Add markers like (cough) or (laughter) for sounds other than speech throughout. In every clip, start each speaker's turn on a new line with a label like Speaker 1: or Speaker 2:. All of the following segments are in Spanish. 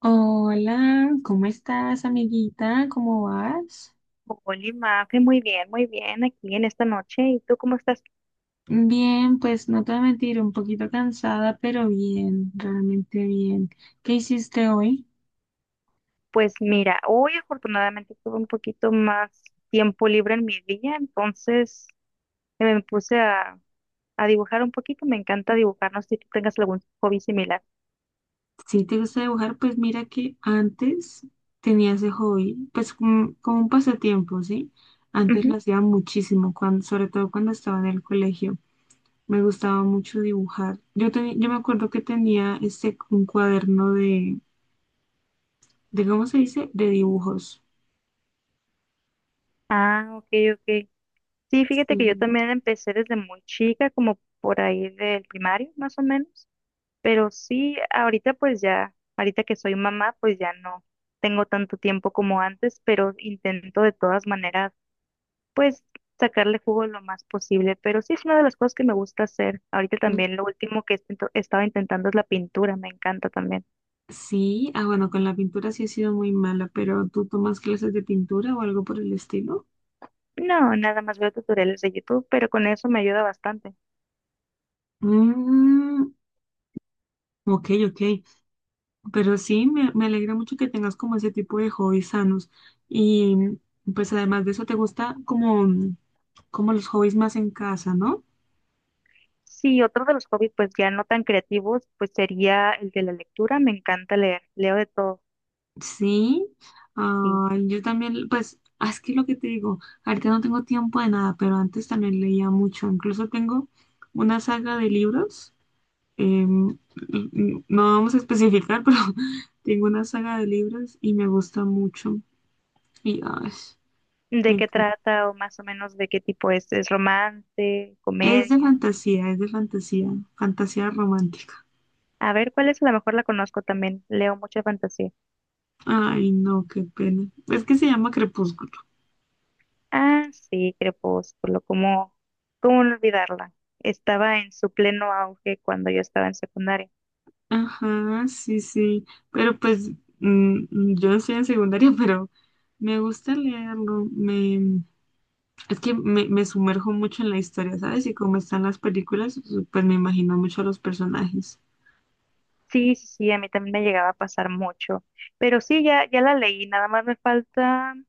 Speaker 1: Hola, ¿cómo estás, amiguita? ¿Cómo vas?
Speaker 2: Hola, Mafe, muy bien aquí en esta noche. ¿Y tú cómo estás?
Speaker 1: Bien, pues no te voy a mentir, un poquito cansada, pero bien, realmente bien. ¿Qué hiciste hoy?
Speaker 2: Pues mira, hoy afortunadamente tuve un poquito más tiempo libre en mi día, entonces me puse a dibujar un poquito. Me encanta dibujar, no sé si tú tengas algún hobby similar.
Speaker 1: Si te gusta dibujar, pues mira que antes tenía ese hobby, pues como un pasatiempo, ¿sí? Antes
Speaker 2: Ujú.
Speaker 1: lo hacía muchísimo, cuando, sobre todo cuando estaba en el colegio. Me gustaba mucho dibujar. Yo me acuerdo que tenía este, un cuaderno de, ¿cómo se dice? De dibujos.
Speaker 2: Ah, ok, ok. Sí, fíjate que yo
Speaker 1: Sí.
Speaker 2: también empecé desde muy chica, como por ahí del primario, más o menos. Pero sí, ahorita pues ya, ahorita que soy mamá, pues ya no tengo tanto tiempo como antes, pero intento de todas maneras pues sacarle jugo lo más posible. Pero sí es una de las cosas que me gusta hacer. Ahorita también lo último que estaba intentando es la pintura, me encanta también.
Speaker 1: Sí, ah, bueno, con la pintura sí he sido muy mala, pero ¿tú tomas clases de pintura o algo por el estilo?
Speaker 2: No, nada más veo tutoriales de YouTube, pero con eso me ayuda bastante.
Speaker 1: Mm, ok, ok. Pero sí, me alegra mucho que tengas como ese tipo de hobbies sanos. Y pues además de eso, te gusta como, como los hobbies más en casa, ¿no?
Speaker 2: Sí, otro de los hobbies pues ya no tan creativos, pues sería el de la lectura, me encanta leer, leo de todo.
Speaker 1: Sí.
Speaker 2: Sí.
Speaker 1: Ah, yo también, pues, ah, es que lo que te digo, ahorita no tengo tiempo de nada, pero antes también leía mucho. Incluso tengo una saga de libros. Em, no vamos a especificar, (laughs) pero tengo una saga de libros y me gusta mucho. Y ay,
Speaker 2: ¿De
Speaker 1: me
Speaker 2: qué
Speaker 1: encanta.
Speaker 2: trata o más o menos de qué tipo es? ¿Es romance,
Speaker 1: Es de
Speaker 2: comedia?
Speaker 1: fantasía, fantasía romántica.
Speaker 2: A ver, ¿cuál es? A lo mejor la conozco también, leo mucha fantasía.
Speaker 1: Ay, no, qué pena. Es que se llama Crepúsculo.
Speaker 2: Ah, sí, Crepúsculo, ¿cómo, cómo no olvidarla? Estaba en su pleno auge cuando yo estaba en secundaria.
Speaker 1: Ajá, sí, sí. Pero pues mm, mm, yo estoy en secundaria, (laughs) pero me gusta leerlo. Es que me sumerjo mucho en la historia, ¿sabes? Y como están las películas, pues me imagino mucho a los personajes.
Speaker 2: Sí, sí, sí, a mí también me llegaba a pasar mucho, pero sí, ya, ya la leí, nada más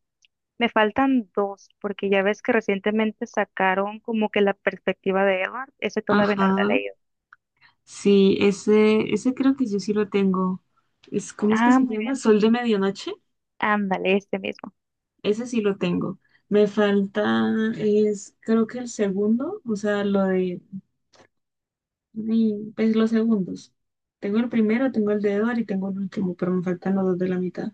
Speaker 2: me faltan dos, porque ya ves que recientemente sacaron como que la perspectiva de Edward, ese todavía no la he
Speaker 1: Ajá.
Speaker 2: leído.
Speaker 1: Sí, ese creo que yo sí lo tengo. Es, ¿cómo es que
Speaker 2: Ah,
Speaker 1: se
Speaker 2: muy
Speaker 1: llama?
Speaker 2: bien,
Speaker 1: Sol de medianoche.
Speaker 2: ándale, este mismo.
Speaker 1: Ese sí lo tengo. Me falta, es, creo que el segundo, o sea, pues los segundos. Tengo el primero, tengo el de Edward y tengo el último, pero me faltan los dos de la mitad.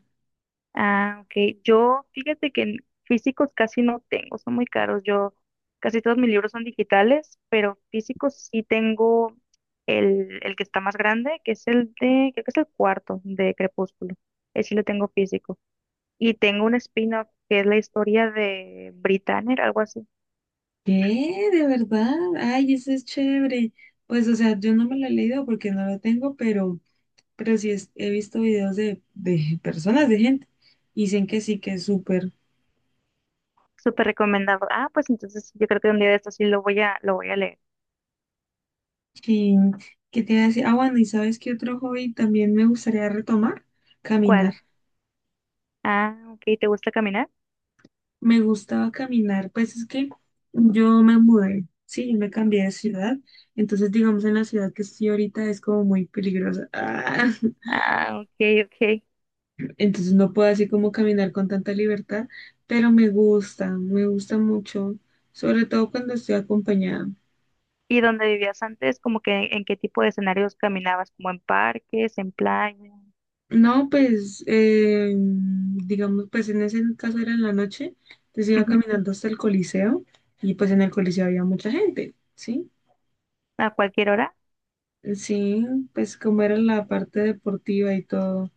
Speaker 2: Ah, ok. Yo, fíjate que en físicos casi no tengo, son muy caros. Yo, casi todos mis libros son digitales, pero físicos sí tengo el que está más grande, que es el de, creo que es el cuarto de Crepúsculo. Ese sí lo tengo físico. Y tengo un spin-off que es la historia de Britannia, algo así.
Speaker 1: ¿Qué? ¿De verdad? Ay, ese es chévere. Pues, o sea, yo no me lo he leído porque no lo tengo, pero sí he visto videos de personas, de gente. Y dicen que sí, que es súper.
Speaker 2: Súper recomendado. Ah, pues entonces yo creo que un día de estos sí lo voy lo voy a leer.
Speaker 1: Sí, ¿qué te iba a decir? Ah, bueno, ¿y sabes qué otro hobby también me gustaría retomar? Caminar.
Speaker 2: ¿Cuál? Ah, ok. ¿Te gusta caminar?
Speaker 1: Me gustaba caminar, pues es que yo me mudé, sí, yo me cambié de ciudad, entonces digamos en la ciudad que estoy ahorita es como muy peligrosa. Ah, (laughs)
Speaker 2: Ah, ok, ok.
Speaker 1: entonces no puedo así como caminar con tanta libertad, pero me gusta mucho, sobre todo cuando estoy acompañada.
Speaker 2: ¿Y dónde vivías antes, como que en qué tipo de escenarios caminabas? ¿Como en parques, en playa?
Speaker 1: No, pues, digamos, pues en ese caso era en la noche, entonces iba
Speaker 2: Ujú.
Speaker 1: caminando hasta el Coliseo y pues en el Coliseo había mucha gente, ¿sí?
Speaker 2: ¿A cualquier hora?
Speaker 1: Sí, pues como era la parte deportiva y todo.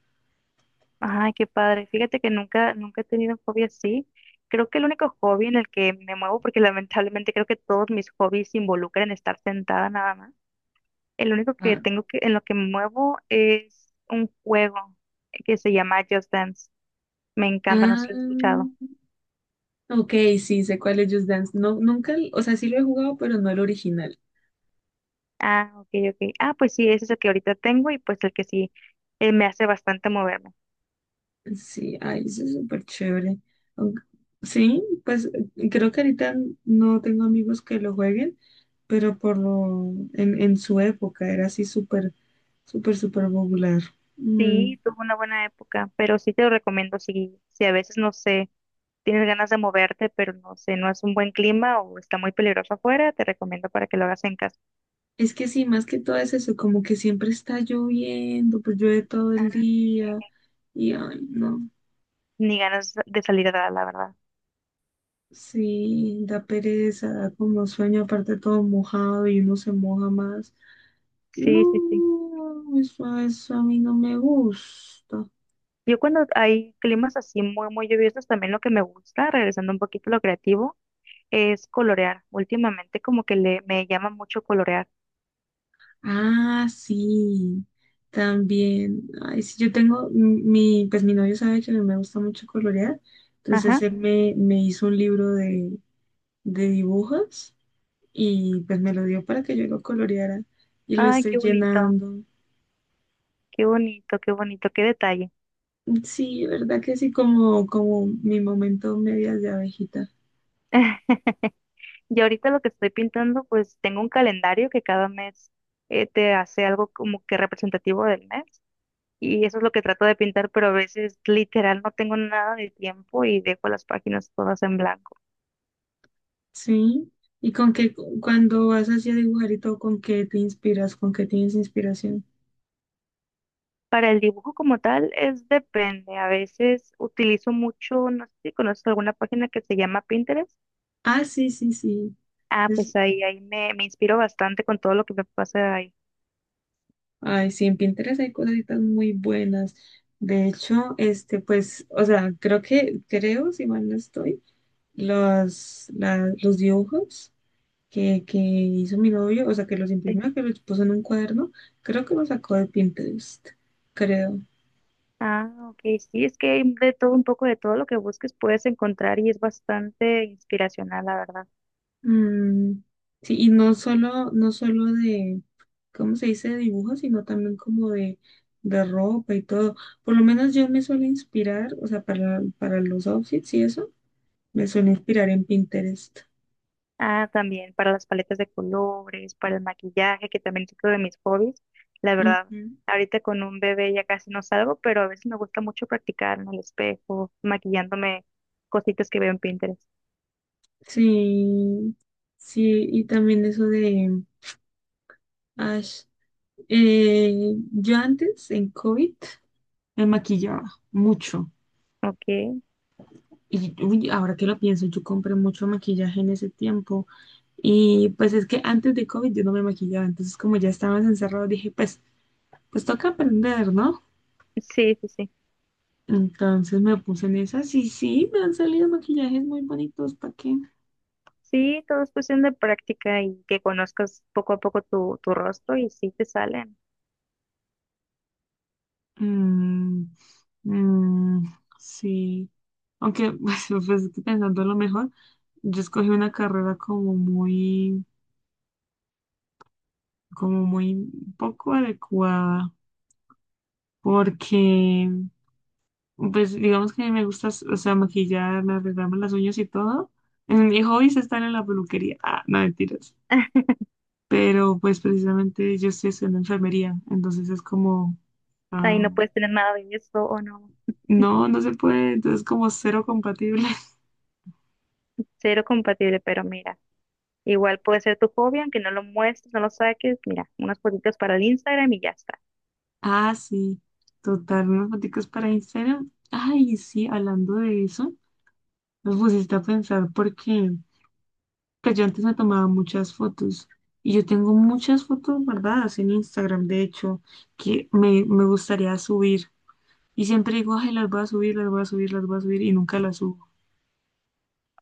Speaker 2: Ay, qué padre. Fíjate que nunca, nunca he tenido un hobby así. Creo que el único hobby en el que me muevo, porque (laughs) lamentablemente creo que todos mis hobbies involucran estar sentada nada más. El único que
Speaker 1: Ah,
Speaker 2: tengo que, en lo que me muevo es un juego que se llama Just Dance. Me encanta, no sé
Speaker 1: ah,
Speaker 2: si lo he escuchado.
Speaker 1: ok, sí, sé cuál es Just Dance. No, nunca, o sea, sí lo he jugado, pero no el original.
Speaker 2: Ah, ok, ok. Ah, pues sí, ese es el que ahorita tengo y pues el que sí me hace bastante moverme.
Speaker 1: Sí, ay, eso es súper chévere. Aunque- Sí, pues creo que ahorita no tengo amigos que lo jueguen, pero en su época era así súper, súper popular. Mm,
Speaker 2: Sí, tuvo una buena época, pero sí te lo recomiendo si, si a veces, no sé, tienes ganas de moverte, pero no sé, no es un buen clima o está muy peligroso afuera, te recomiendo para que lo hagas en casa.
Speaker 1: es que sí, más que todo es eso, como que siempre está lloviendo, pues llueve todo el día y ay, no,
Speaker 2: Ni ganas de salir a dar, la verdad.
Speaker 1: sí, da pereza, da como sueño, aparte todo mojado y uno se moja más. No,
Speaker 2: Sí, sí, sí.
Speaker 1: eso a mí no me gusta.
Speaker 2: Yo cuando hay climas así muy, muy lluviosos, también lo que me gusta, regresando un poquito a lo creativo, es colorear. Últimamente como que le, me llama mucho colorear.
Speaker 1: Ah, sí, también. Ay, sí, yo tengo, pues mi novio sabe que a mí me gusta mucho colorear, entonces
Speaker 2: Ajá.
Speaker 1: me hizo un libro de dibujos y pues me lo dio para que yo lo coloreara y lo
Speaker 2: Ay, qué
Speaker 1: estoy
Speaker 2: bonito,
Speaker 1: llenando.
Speaker 2: qué bonito, qué bonito, qué detalle.
Speaker 1: Sí, verdad que sí, como, como mi momento medias de abejita.
Speaker 2: (laughs) Y ahorita lo que estoy pintando, pues tengo un calendario que cada mes te hace algo como que representativo del mes. Y eso es lo que trato de pintar, pero a veces literal no tengo nada de tiempo y dejo las páginas todas en blanco.
Speaker 1: Sí, y con qué, cuando vas así a dibujar y todo, ¿con qué te inspiras? ¿Con qué tienes inspiración?
Speaker 2: Para el dibujo como tal, es depende. A veces utilizo mucho, no sé si conoces alguna página que se llama Pinterest.
Speaker 1: Ah, sí, sí, sí.
Speaker 2: Ah, pues ahí, ahí me, me inspiro bastante con todo lo que me pasa ahí.
Speaker 1: Ay, sí, en Pinterest hay cositas muy buenas. De hecho, este, pues, o sea, creo, si mal no estoy, los dibujos que hizo mi novio, o sea, que los imprimió, que los puso en un cuaderno, creo que los sacó de Pinterest, creo.
Speaker 2: Ah, ok, sí, es que hay de todo un poco de todo lo que busques puedes encontrar y es bastante inspiracional, la verdad.
Speaker 1: Mm, sí, y no solo de, ¿cómo se dice? De dibujos, sino también como de ropa y todo. Por lo menos yo me suelo inspirar, o sea, para los outfits y eso. Me suelo inspirar en Pinterest.
Speaker 2: Ah, también para las paletas de colores, para el maquillaje, que también es otro de mis hobbies. La verdad,
Speaker 1: Ujú.
Speaker 2: ahorita con un bebé ya casi no salgo, pero a veces me gusta mucho practicar en el espejo, maquillándome cositas que veo en Pinterest.
Speaker 1: Sí, sí, y también eso de Ash. Yo antes, en COVID, me maquillaba mucho.
Speaker 2: Ok,
Speaker 1: Y uy, ahora que lo pienso, yo compré mucho maquillaje en ese tiempo. Y pues es que antes de COVID yo no me maquillaba. Entonces, como ya estábamos encerrados, dije, pues toca aprender, ¿no?
Speaker 2: sí, sí, sí.
Speaker 1: Entonces me puse en esas y sí, me han salido maquillajes muy bonitos. ¿Para qué?
Speaker 2: Sí, todo es cuestión de práctica y que conozcas poco a poco tu rostro y sí te salen.
Speaker 1: Mm, mm, sí. Aunque, (laughs) pues, pensando lo mejor, yo escogí una carrera como muy poco adecuada, porque, pues, digamos que me gusta, o sea, maquillarme, arreglarme las uñas y todo. En mi hobby es estar en la peluquería. Ah, no, mentiras.
Speaker 2: (laughs)
Speaker 1: Pero, pues, precisamente yo estoy estudiando enfermería, entonces es como,
Speaker 2: Ahí
Speaker 1: ah,
Speaker 2: no puedes tener nada de eso o no.
Speaker 1: no, no se puede, entonces como cero compatible.
Speaker 2: Cero compatible, pero mira, igual puede ser tu hobby, aunque no lo muestres, no lo saques, mira, unas fotitos para el Instagram y ya está.
Speaker 1: Ah, sí, total, unas foticos para Instagram. Ay, sí, hablando de eso, me pusiste a pensar porque pues yo antes me tomaba muchas fotos y yo tengo muchas fotos guardadas en Instagram, de hecho, que me gustaría subir. Y siempre digo, ay, las voy a subir y nunca las subo.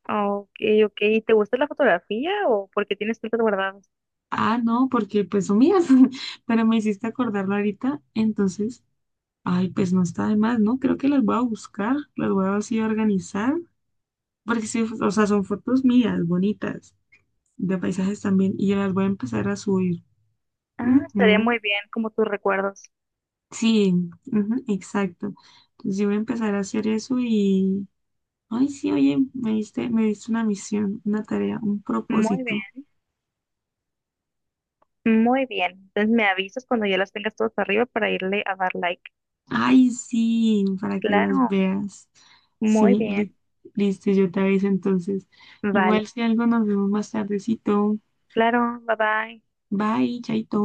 Speaker 2: Ok, ok, ¿y te gusta la fotografía o por qué tienes tantos guardados?
Speaker 1: Ah, no, porque pues son mías, (laughs) pero me hiciste acordarlo ahorita, entonces, ay, pues no está de más, ¿no? Creo que las voy a buscar, las voy a así organizar. Porque sí, o sea, son fotos mías, bonitas, de paisajes también, y yo las voy a empezar a subir.
Speaker 2: Ah, estaría muy
Speaker 1: Ujú,
Speaker 2: bien, como tus recuerdos.
Speaker 1: sí, ujú, exacto. Entonces yo voy a empezar a hacer eso y, ay, sí, oye, me diste una misión, una tarea, un
Speaker 2: Muy
Speaker 1: propósito.
Speaker 2: bien, muy bien. Entonces me avisas cuando ya las tengas todas arriba para irle a dar like.
Speaker 1: Ay, sí, para que las
Speaker 2: Claro,
Speaker 1: veas. Sí,
Speaker 2: muy bien,
Speaker 1: li- Listo, yo te aviso entonces. Igual
Speaker 2: vale.
Speaker 1: si algo nos vemos más tardecito.
Speaker 2: Claro, bye bye.
Speaker 1: Bye, chaito.